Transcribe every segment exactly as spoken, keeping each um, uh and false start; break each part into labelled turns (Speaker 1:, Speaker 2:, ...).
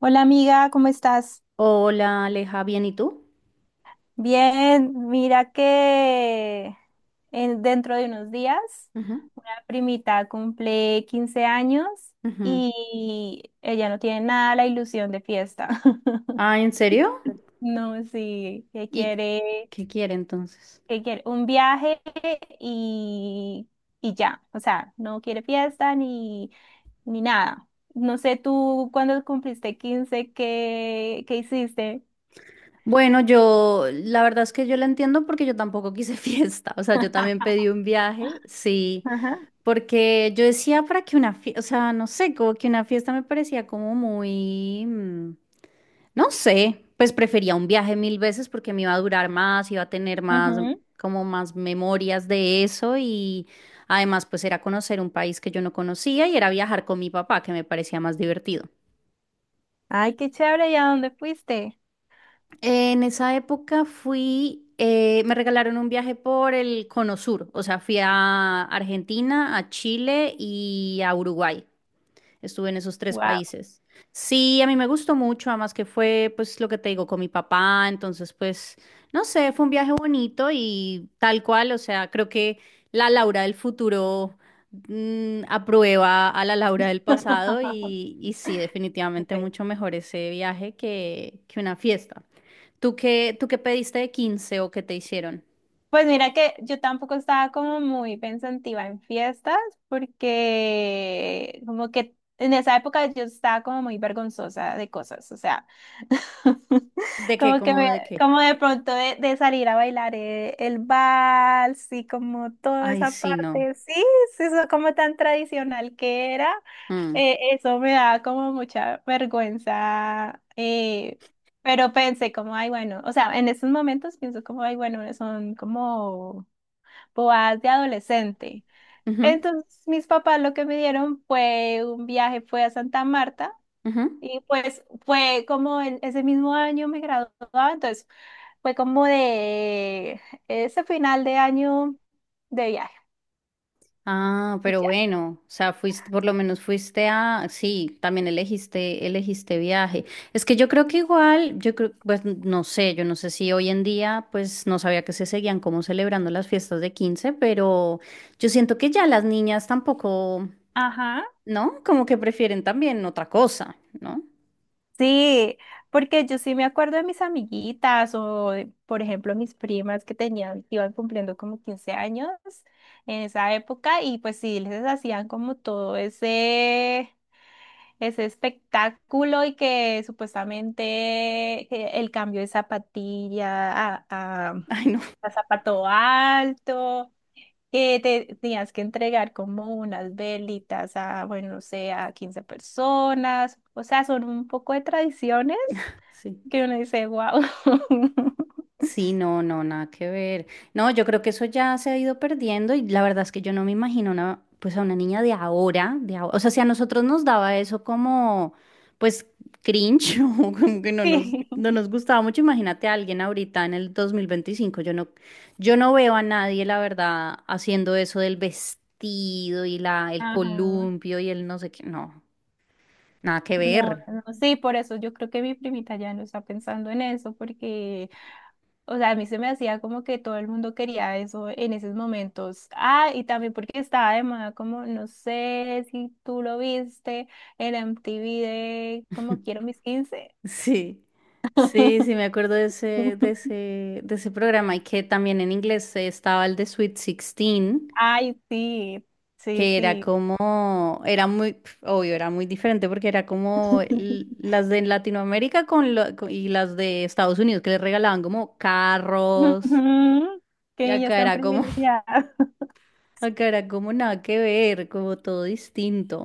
Speaker 1: Hola amiga, ¿cómo estás?
Speaker 2: Hola, Aleja, ¿bien y tú?
Speaker 1: Bien, mira que en- dentro de unos días
Speaker 2: Ujú,
Speaker 1: una primita cumple quince años
Speaker 2: ujú.
Speaker 1: y ella no tiene nada la ilusión de fiesta.
Speaker 2: Ah, ¿en serio?
Speaker 1: No, sí, que
Speaker 2: ¿Y
Speaker 1: quiere,
Speaker 2: qué quiere entonces?
Speaker 1: que quiere un viaje y, y ya, o sea, no quiere fiesta ni, ni nada. No sé tú cuando cumpliste quince, ¿qué, qué hiciste?
Speaker 2: Bueno, yo, la verdad es que yo la entiendo porque yo tampoco quise fiesta, o sea, yo también pedí un viaje, sí. Porque yo decía para que una fiesta, o sea, no sé, como que una fiesta me parecía como muy, mm, no sé, pues prefería un viaje mil veces porque me iba a durar más, iba a tener más,
Speaker 1: Ajá.
Speaker 2: como más memorias de eso. Y además pues era conocer un país que yo no conocía y era viajar con mi papá, que me parecía más divertido.
Speaker 1: Ay, qué chévere, ¿y a dónde fuiste?
Speaker 2: En esa época fui, eh, me regalaron un viaje por el Cono Sur, o sea, fui a Argentina, a Chile y a Uruguay. Estuve en esos tres
Speaker 1: Wow.
Speaker 2: países. Sí, a mí me gustó mucho, además que fue, pues, lo que te digo, con mi papá, entonces, pues, no sé, fue un viaje bonito y tal cual, o sea, creo que la Laura del futuro mm, aprueba a la Laura del pasado y, y sí, definitivamente mucho mejor ese viaje que, que una fiesta. ¿Tú qué, tú qué pediste de quince o qué te hicieron?
Speaker 1: Pues mira que yo tampoco estaba como muy pensativa en fiestas porque como que en esa época yo estaba como muy vergonzosa de cosas, o sea,
Speaker 2: ¿De qué?
Speaker 1: como que
Speaker 2: ¿Cómo
Speaker 1: me,
Speaker 2: de qué?
Speaker 1: como de pronto de, de salir a bailar eh, el vals y como toda
Speaker 2: Ay,
Speaker 1: esa
Speaker 2: sí, no.
Speaker 1: parte, sí, sí, eso como tan tradicional que era,
Speaker 2: Mm.
Speaker 1: eh, eso me daba como mucha vergüenza. eh, Pero pensé como, ay, bueno, o sea, en estos momentos pienso como, ay, bueno, son como boas de adolescente.
Speaker 2: Ujú,
Speaker 1: Entonces, mis papás lo que me dieron fue un viaje, fue a Santa Marta,
Speaker 2: ujú.
Speaker 1: y pues fue como el- ese mismo año me graduaba, entonces fue como de ese final de año de viaje.
Speaker 2: Ah,
Speaker 1: Y
Speaker 2: pero
Speaker 1: ya.
Speaker 2: bueno, o sea, fuiste, por lo menos fuiste a, sí, también elegiste, elegiste viaje. Es que yo creo que igual, yo creo, pues no sé, yo no sé si hoy en día, pues no sabía que se seguían como celebrando las fiestas de quince, pero yo siento que ya las niñas tampoco,
Speaker 1: Ajá.
Speaker 2: ¿no? Como que prefieren también otra cosa, ¿no?
Speaker 1: Sí, porque yo sí me acuerdo de mis amiguitas o, de, por ejemplo, mis primas que tenían, que iban cumpliendo como quince años en esa época y pues sí, les hacían como todo ese, ese espectáculo y que supuestamente eh, el cambio de zapatilla a, a,
Speaker 2: Ay, no,
Speaker 1: a zapato alto que te tenías que entregar como unas velitas a, bueno, no sé, a quince personas. O sea, son un poco de tradiciones
Speaker 2: sí.
Speaker 1: que uno dice, wow.
Speaker 2: Sí, no, no, nada que ver. No, yo creo que eso ya se ha ido perdiendo y la verdad es que yo no me imagino una, pues a una niña de ahora, de ahora. O sea, si a nosotros nos daba eso como, pues, cringe o como que no nos,
Speaker 1: Sí.
Speaker 2: no nos gustaba mucho, imagínate a alguien ahorita en el dos mil veinticinco. Yo no, yo no veo a nadie, la verdad, haciendo eso del vestido y la, el
Speaker 1: Ajá.
Speaker 2: columpio y el no sé qué. No, nada que
Speaker 1: No,
Speaker 2: ver.
Speaker 1: no, sí, por eso yo creo que mi primita ya no está pensando en eso, porque, o sea, a mí se me hacía como que todo el mundo quería eso en esos momentos. Ah, y también porque estaba de moda, como, no sé si tú lo viste, el M T V de como quiero mis quince.
Speaker 2: Sí, sí, sí, me acuerdo de ese, de ese, de ese programa y que también en inglés estaba el de Sweet Sixteen,
Speaker 1: Ay, sí, sí,
Speaker 2: que era
Speaker 1: sí.
Speaker 2: como, era muy, pf, obvio, era muy diferente porque era como l- las de Latinoamérica con lo- co- y las de Estados Unidos que les regalaban como carros.
Speaker 1: Ujú,
Speaker 2: Y
Speaker 1: que ellas
Speaker 2: acá
Speaker 1: están
Speaker 2: era como,
Speaker 1: privilegiadas.
Speaker 2: acá era como nada que ver, como todo distinto.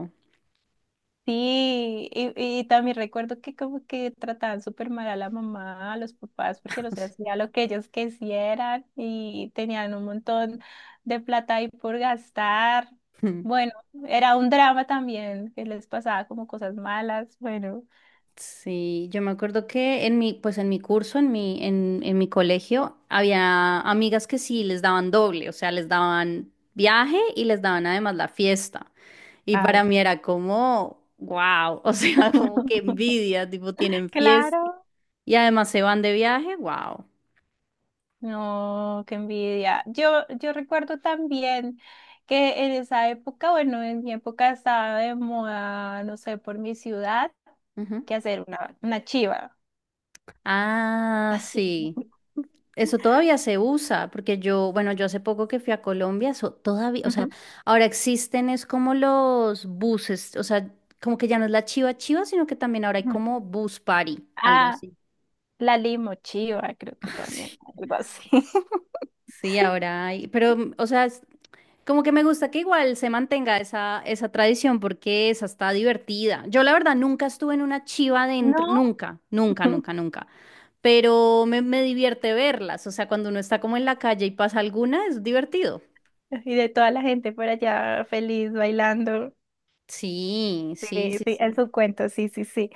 Speaker 1: Sí, y, y también recuerdo que como que trataban súper mal a la mamá, a los papás, porque no se hacía lo que ellos quisieran y tenían un montón de plata ahí por gastar. Bueno, era un drama también, que les pasaba como cosas malas. Bueno,
Speaker 2: Sí, yo me acuerdo que en mi, pues en mi curso, en mi, en, en mi colegio, había amigas que sí les daban doble, o sea, les daban viaje y les daban además la fiesta. Y
Speaker 1: ay,
Speaker 2: para mí era como, wow, o sea, como que envidia, tipo, tienen fiesta
Speaker 1: claro.
Speaker 2: y además se van de viaje, wow.
Speaker 1: No, qué envidia. Yo, yo recuerdo también que en esa época, bueno, en mi época estaba de moda, no sé, por mi ciudad, que hacer una, una chiva.
Speaker 2: Ah, sí. Eso todavía se usa, porque yo, bueno, yo hace poco que fui a Colombia, eso todavía, o sea,
Speaker 1: Ujú.
Speaker 2: ahora existen es como los buses, o sea, como que ya no es la chiva chiva, sino que también ahora hay
Speaker 1: Ujú.
Speaker 2: como bus party, algo
Speaker 1: Ah,
Speaker 2: así.
Speaker 1: la limochiva, creo que también, algo así.
Speaker 2: Sí, sí, ahora hay, pero, mm, o sea, es como que me gusta que igual se mantenga esa, esa tradición, porque esa está divertida. Yo la verdad nunca estuve en una chiva dentro,
Speaker 1: No,
Speaker 2: nunca, nunca, nunca, nunca, pero me, me divierte verlas, o sea, cuando uno está como en la calle y pasa alguna, es divertido.
Speaker 1: y de toda la gente por allá feliz bailando.
Speaker 2: Sí, sí,
Speaker 1: Sí,
Speaker 2: sí,
Speaker 1: sí, en
Speaker 2: sí.
Speaker 1: su cuento, sí, sí, sí.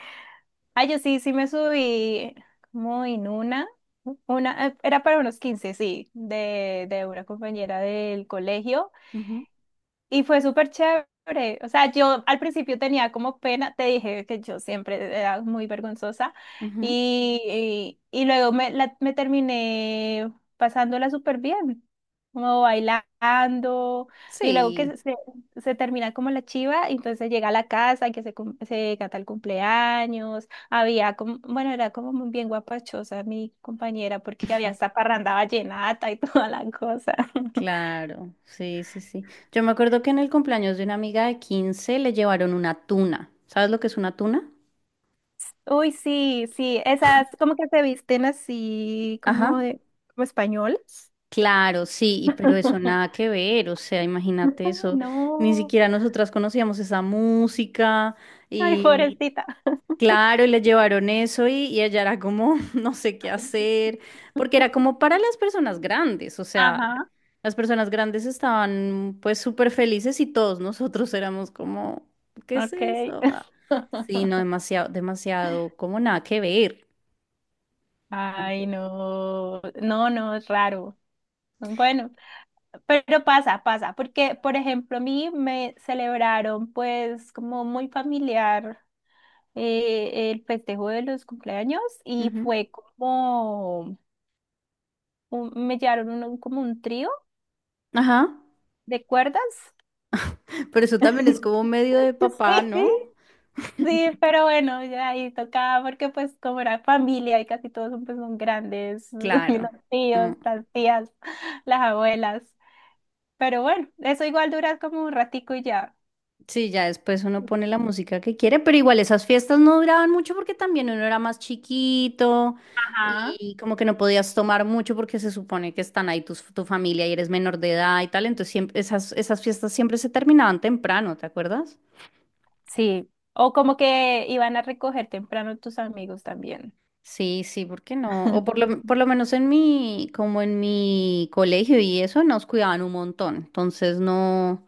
Speaker 1: Ah, yo sí, sí me subí como en una, una, eh, era para unos quince, sí, de, de una compañera del colegio.
Speaker 2: Ujú,
Speaker 1: Y fue súper chévere. O sea, yo al principio tenía como pena, te dije que yo siempre era muy vergonzosa
Speaker 2: ujú.
Speaker 1: y, y, y luego me, la- me terminé pasándola súper bien, como bailando y luego
Speaker 2: Sí,
Speaker 1: que se, se termina como la chiva, y entonces llega a la casa y que se, cum- se canta el cumpleaños. Había como, bueno, era como muy bien guapachosa mi compañera porque había hasta parranda vallenata y toda la cosa.
Speaker 2: claro, sí, sí, sí. Yo me acuerdo que en el cumpleaños de una amiga de quince le llevaron una tuna. ¿Sabes lo que es una tuna?
Speaker 1: Uy, sí, sí, esas como que se visten así
Speaker 2: Ajá.
Speaker 1: como de, como españoles.
Speaker 2: Claro, sí, y pero eso nada que ver, o sea, imagínate eso, ni
Speaker 1: No,
Speaker 2: siquiera nosotras conocíamos esa música
Speaker 1: ay, sí,
Speaker 2: y.
Speaker 1: pobrecita.
Speaker 2: Claro, y le llevaron eso y, y ella era como, no sé qué hacer, porque era como para las personas grandes, o sea,
Speaker 1: Ajá,
Speaker 2: las personas grandes estaban pues súper felices y todos nosotros éramos como, ¿qué es
Speaker 1: ok.
Speaker 2: eso? Ah, sí, no, demasiado, demasiado, como nada que ver. Nada que
Speaker 1: Ay, no, no, no, es raro. Bueno, pero pasa, pasa, porque, por ejemplo, a mí me celebraron pues como muy familiar eh, el festejo de los cumpleaños
Speaker 2: ver.
Speaker 1: y
Speaker 2: Ujú.
Speaker 1: fue como, un- me llevaron un- como un trío
Speaker 2: Ajá,
Speaker 1: de cuerdas.
Speaker 2: pero eso también es como medio de papá, ¿no?
Speaker 1: Sí, sí, pero bueno, ya ahí tocaba porque pues como era familia y casi todos son, pues, son grandes, los
Speaker 2: Claro. Mm.
Speaker 1: tíos, las tías, las abuelas, pero bueno, eso igual dura como un ratico y ya.
Speaker 2: Sí, ya después uno pone la música que quiere, pero igual esas fiestas no duraban mucho porque también uno era más chiquito
Speaker 1: Ajá.
Speaker 2: y como que no podías tomar mucho porque se supone que están ahí tus, tu familia y eres menor de edad y tal, entonces siempre, esas, esas fiestas siempre se terminaban temprano, ¿te acuerdas?
Speaker 1: Sí, o como que iban a recoger temprano tus amigos también.
Speaker 2: Sí, sí, ¿por qué no? O por lo, por lo menos en mi, como en mi colegio y eso, nos cuidaban un montón. Entonces no,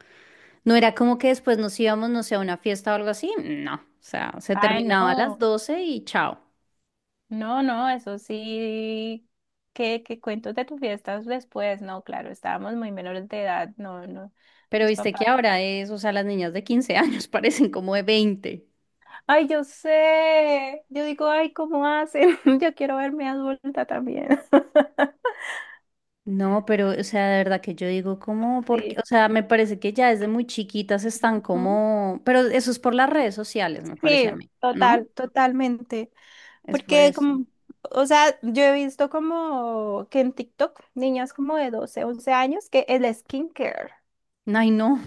Speaker 2: no era como que después nos íbamos, no sé, a una fiesta o algo así. No, o sea, se
Speaker 1: Ay,
Speaker 2: terminaba a las
Speaker 1: no,
Speaker 2: doce y chao.
Speaker 1: no, no, eso sí, que, que cuentos de tus fiestas después, no, claro, estábamos muy menores de edad, no, no,
Speaker 2: Pero
Speaker 1: tus
Speaker 2: viste que
Speaker 1: papás.
Speaker 2: ahora es, o sea, las niñas de quince años parecen como de veinte.
Speaker 1: Ay, yo sé. Yo digo, ay, ¿cómo hacen? Yo quiero verme adulta también.
Speaker 2: No, pero, o sea, de verdad que yo digo, ¿cómo? Porque,
Speaker 1: Sí.
Speaker 2: o sea, me parece que ya desde muy chiquitas están
Speaker 1: Ujú.
Speaker 2: como, pero eso es por las redes sociales, me parece
Speaker 1: Sí,
Speaker 2: a mí, ¿no?
Speaker 1: total, totalmente.
Speaker 2: Es por
Speaker 1: Porque
Speaker 2: eso.
Speaker 1: como, o sea, yo he visto como que en TikTok niñas como de doce, once años que el skincare.
Speaker 2: Ay, no,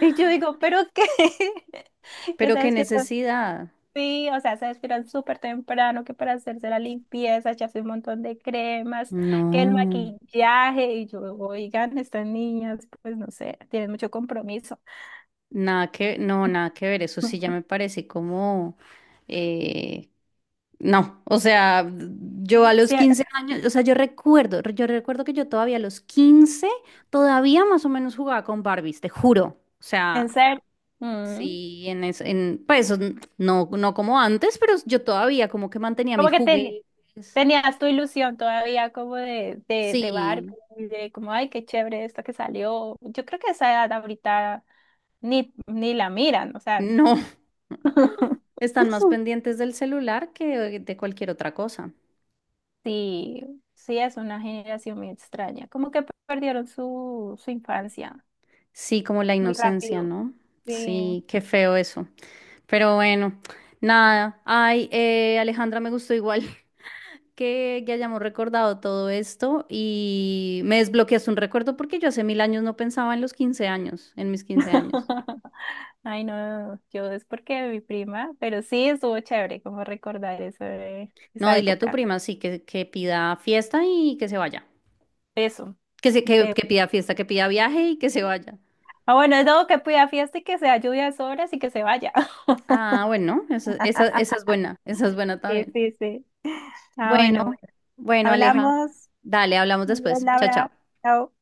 Speaker 1: Y yo digo, ¿pero qué? Que
Speaker 2: pero
Speaker 1: se
Speaker 2: qué
Speaker 1: despierta.
Speaker 2: necesidad.
Speaker 1: Sí, o sea, se despiertan súper temprano que para hacerse la limpieza, echarse un montón de cremas, que el
Speaker 2: No,
Speaker 1: maquillaje, y yo, oigan, estas niñas, pues no sé, tienen mucho compromiso.
Speaker 2: nada que, no, nada que ver. Eso sí ya me parece como, eh, no, o sea, yo a los
Speaker 1: Sí,
Speaker 2: quince años, o sea, yo recuerdo, yo recuerdo que yo todavía a los quince todavía más o menos jugaba con Barbies, te juro. O
Speaker 1: en
Speaker 2: sea,
Speaker 1: serio. Mm.
Speaker 2: sí, en, es- en pues n- no, no como antes, pero yo todavía como que mantenía
Speaker 1: Como
Speaker 2: mis
Speaker 1: que ten-
Speaker 2: juguetes.
Speaker 1: Tenías tu ilusión todavía como de, de, de Barbie,
Speaker 2: Sí,
Speaker 1: de como, ay, qué chévere esto que salió. Yo creo que esa edad ahorita ni, ni la miran, o sea.
Speaker 2: no, están más pendientes del celular que de cualquier otra cosa.
Speaker 1: Sí, sí, es una generación muy extraña. Como que perdieron su, su infancia.
Speaker 2: Sí, como la
Speaker 1: Muy
Speaker 2: inocencia,
Speaker 1: rápido.
Speaker 2: ¿no?
Speaker 1: Sí.
Speaker 2: Sí, qué feo eso. Pero bueno, nada. Ay, eh, Alejandra, me gustó igual que, que hayamos recordado todo esto y me desbloqueas un recuerdo porque yo hace mil años no pensaba en los quince años, en mis quince años.
Speaker 1: Ay, no, yo es porque mi prima, pero sí estuvo chévere como recordar eso de-
Speaker 2: No,
Speaker 1: esa
Speaker 2: dile a tu
Speaker 1: época.
Speaker 2: prima, sí, que, que pida fiesta y que se vaya.
Speaker 1: Eso.
Speaker 2: Que, se, que,
Speaker 1: Te-
Speaker 2: que pida fiesta, que pida viaje y que se vaya.
Speaker 1: ah, bueno, es todo que pida fiesta y que sea lluvia horas y que se vaya.
Speaker 2: Ah, bueno, esa, esa, esa es buena, esa es buena
Speaker 1: Sí,
Speaker 2: también.
Speaker 1: sí, sí. Ah,
Speaker 2: Bueno,
Speaker 1: bueno, bueno. Bueno,
Speaker 2: bueno, Aleja,
Speaker 1: hablamos.
Speaker 2: dale, hablamos
Speaker 1: Adiós,
Speaker 2: después. Chao, chao.
Speaker 1: Laura. Chao.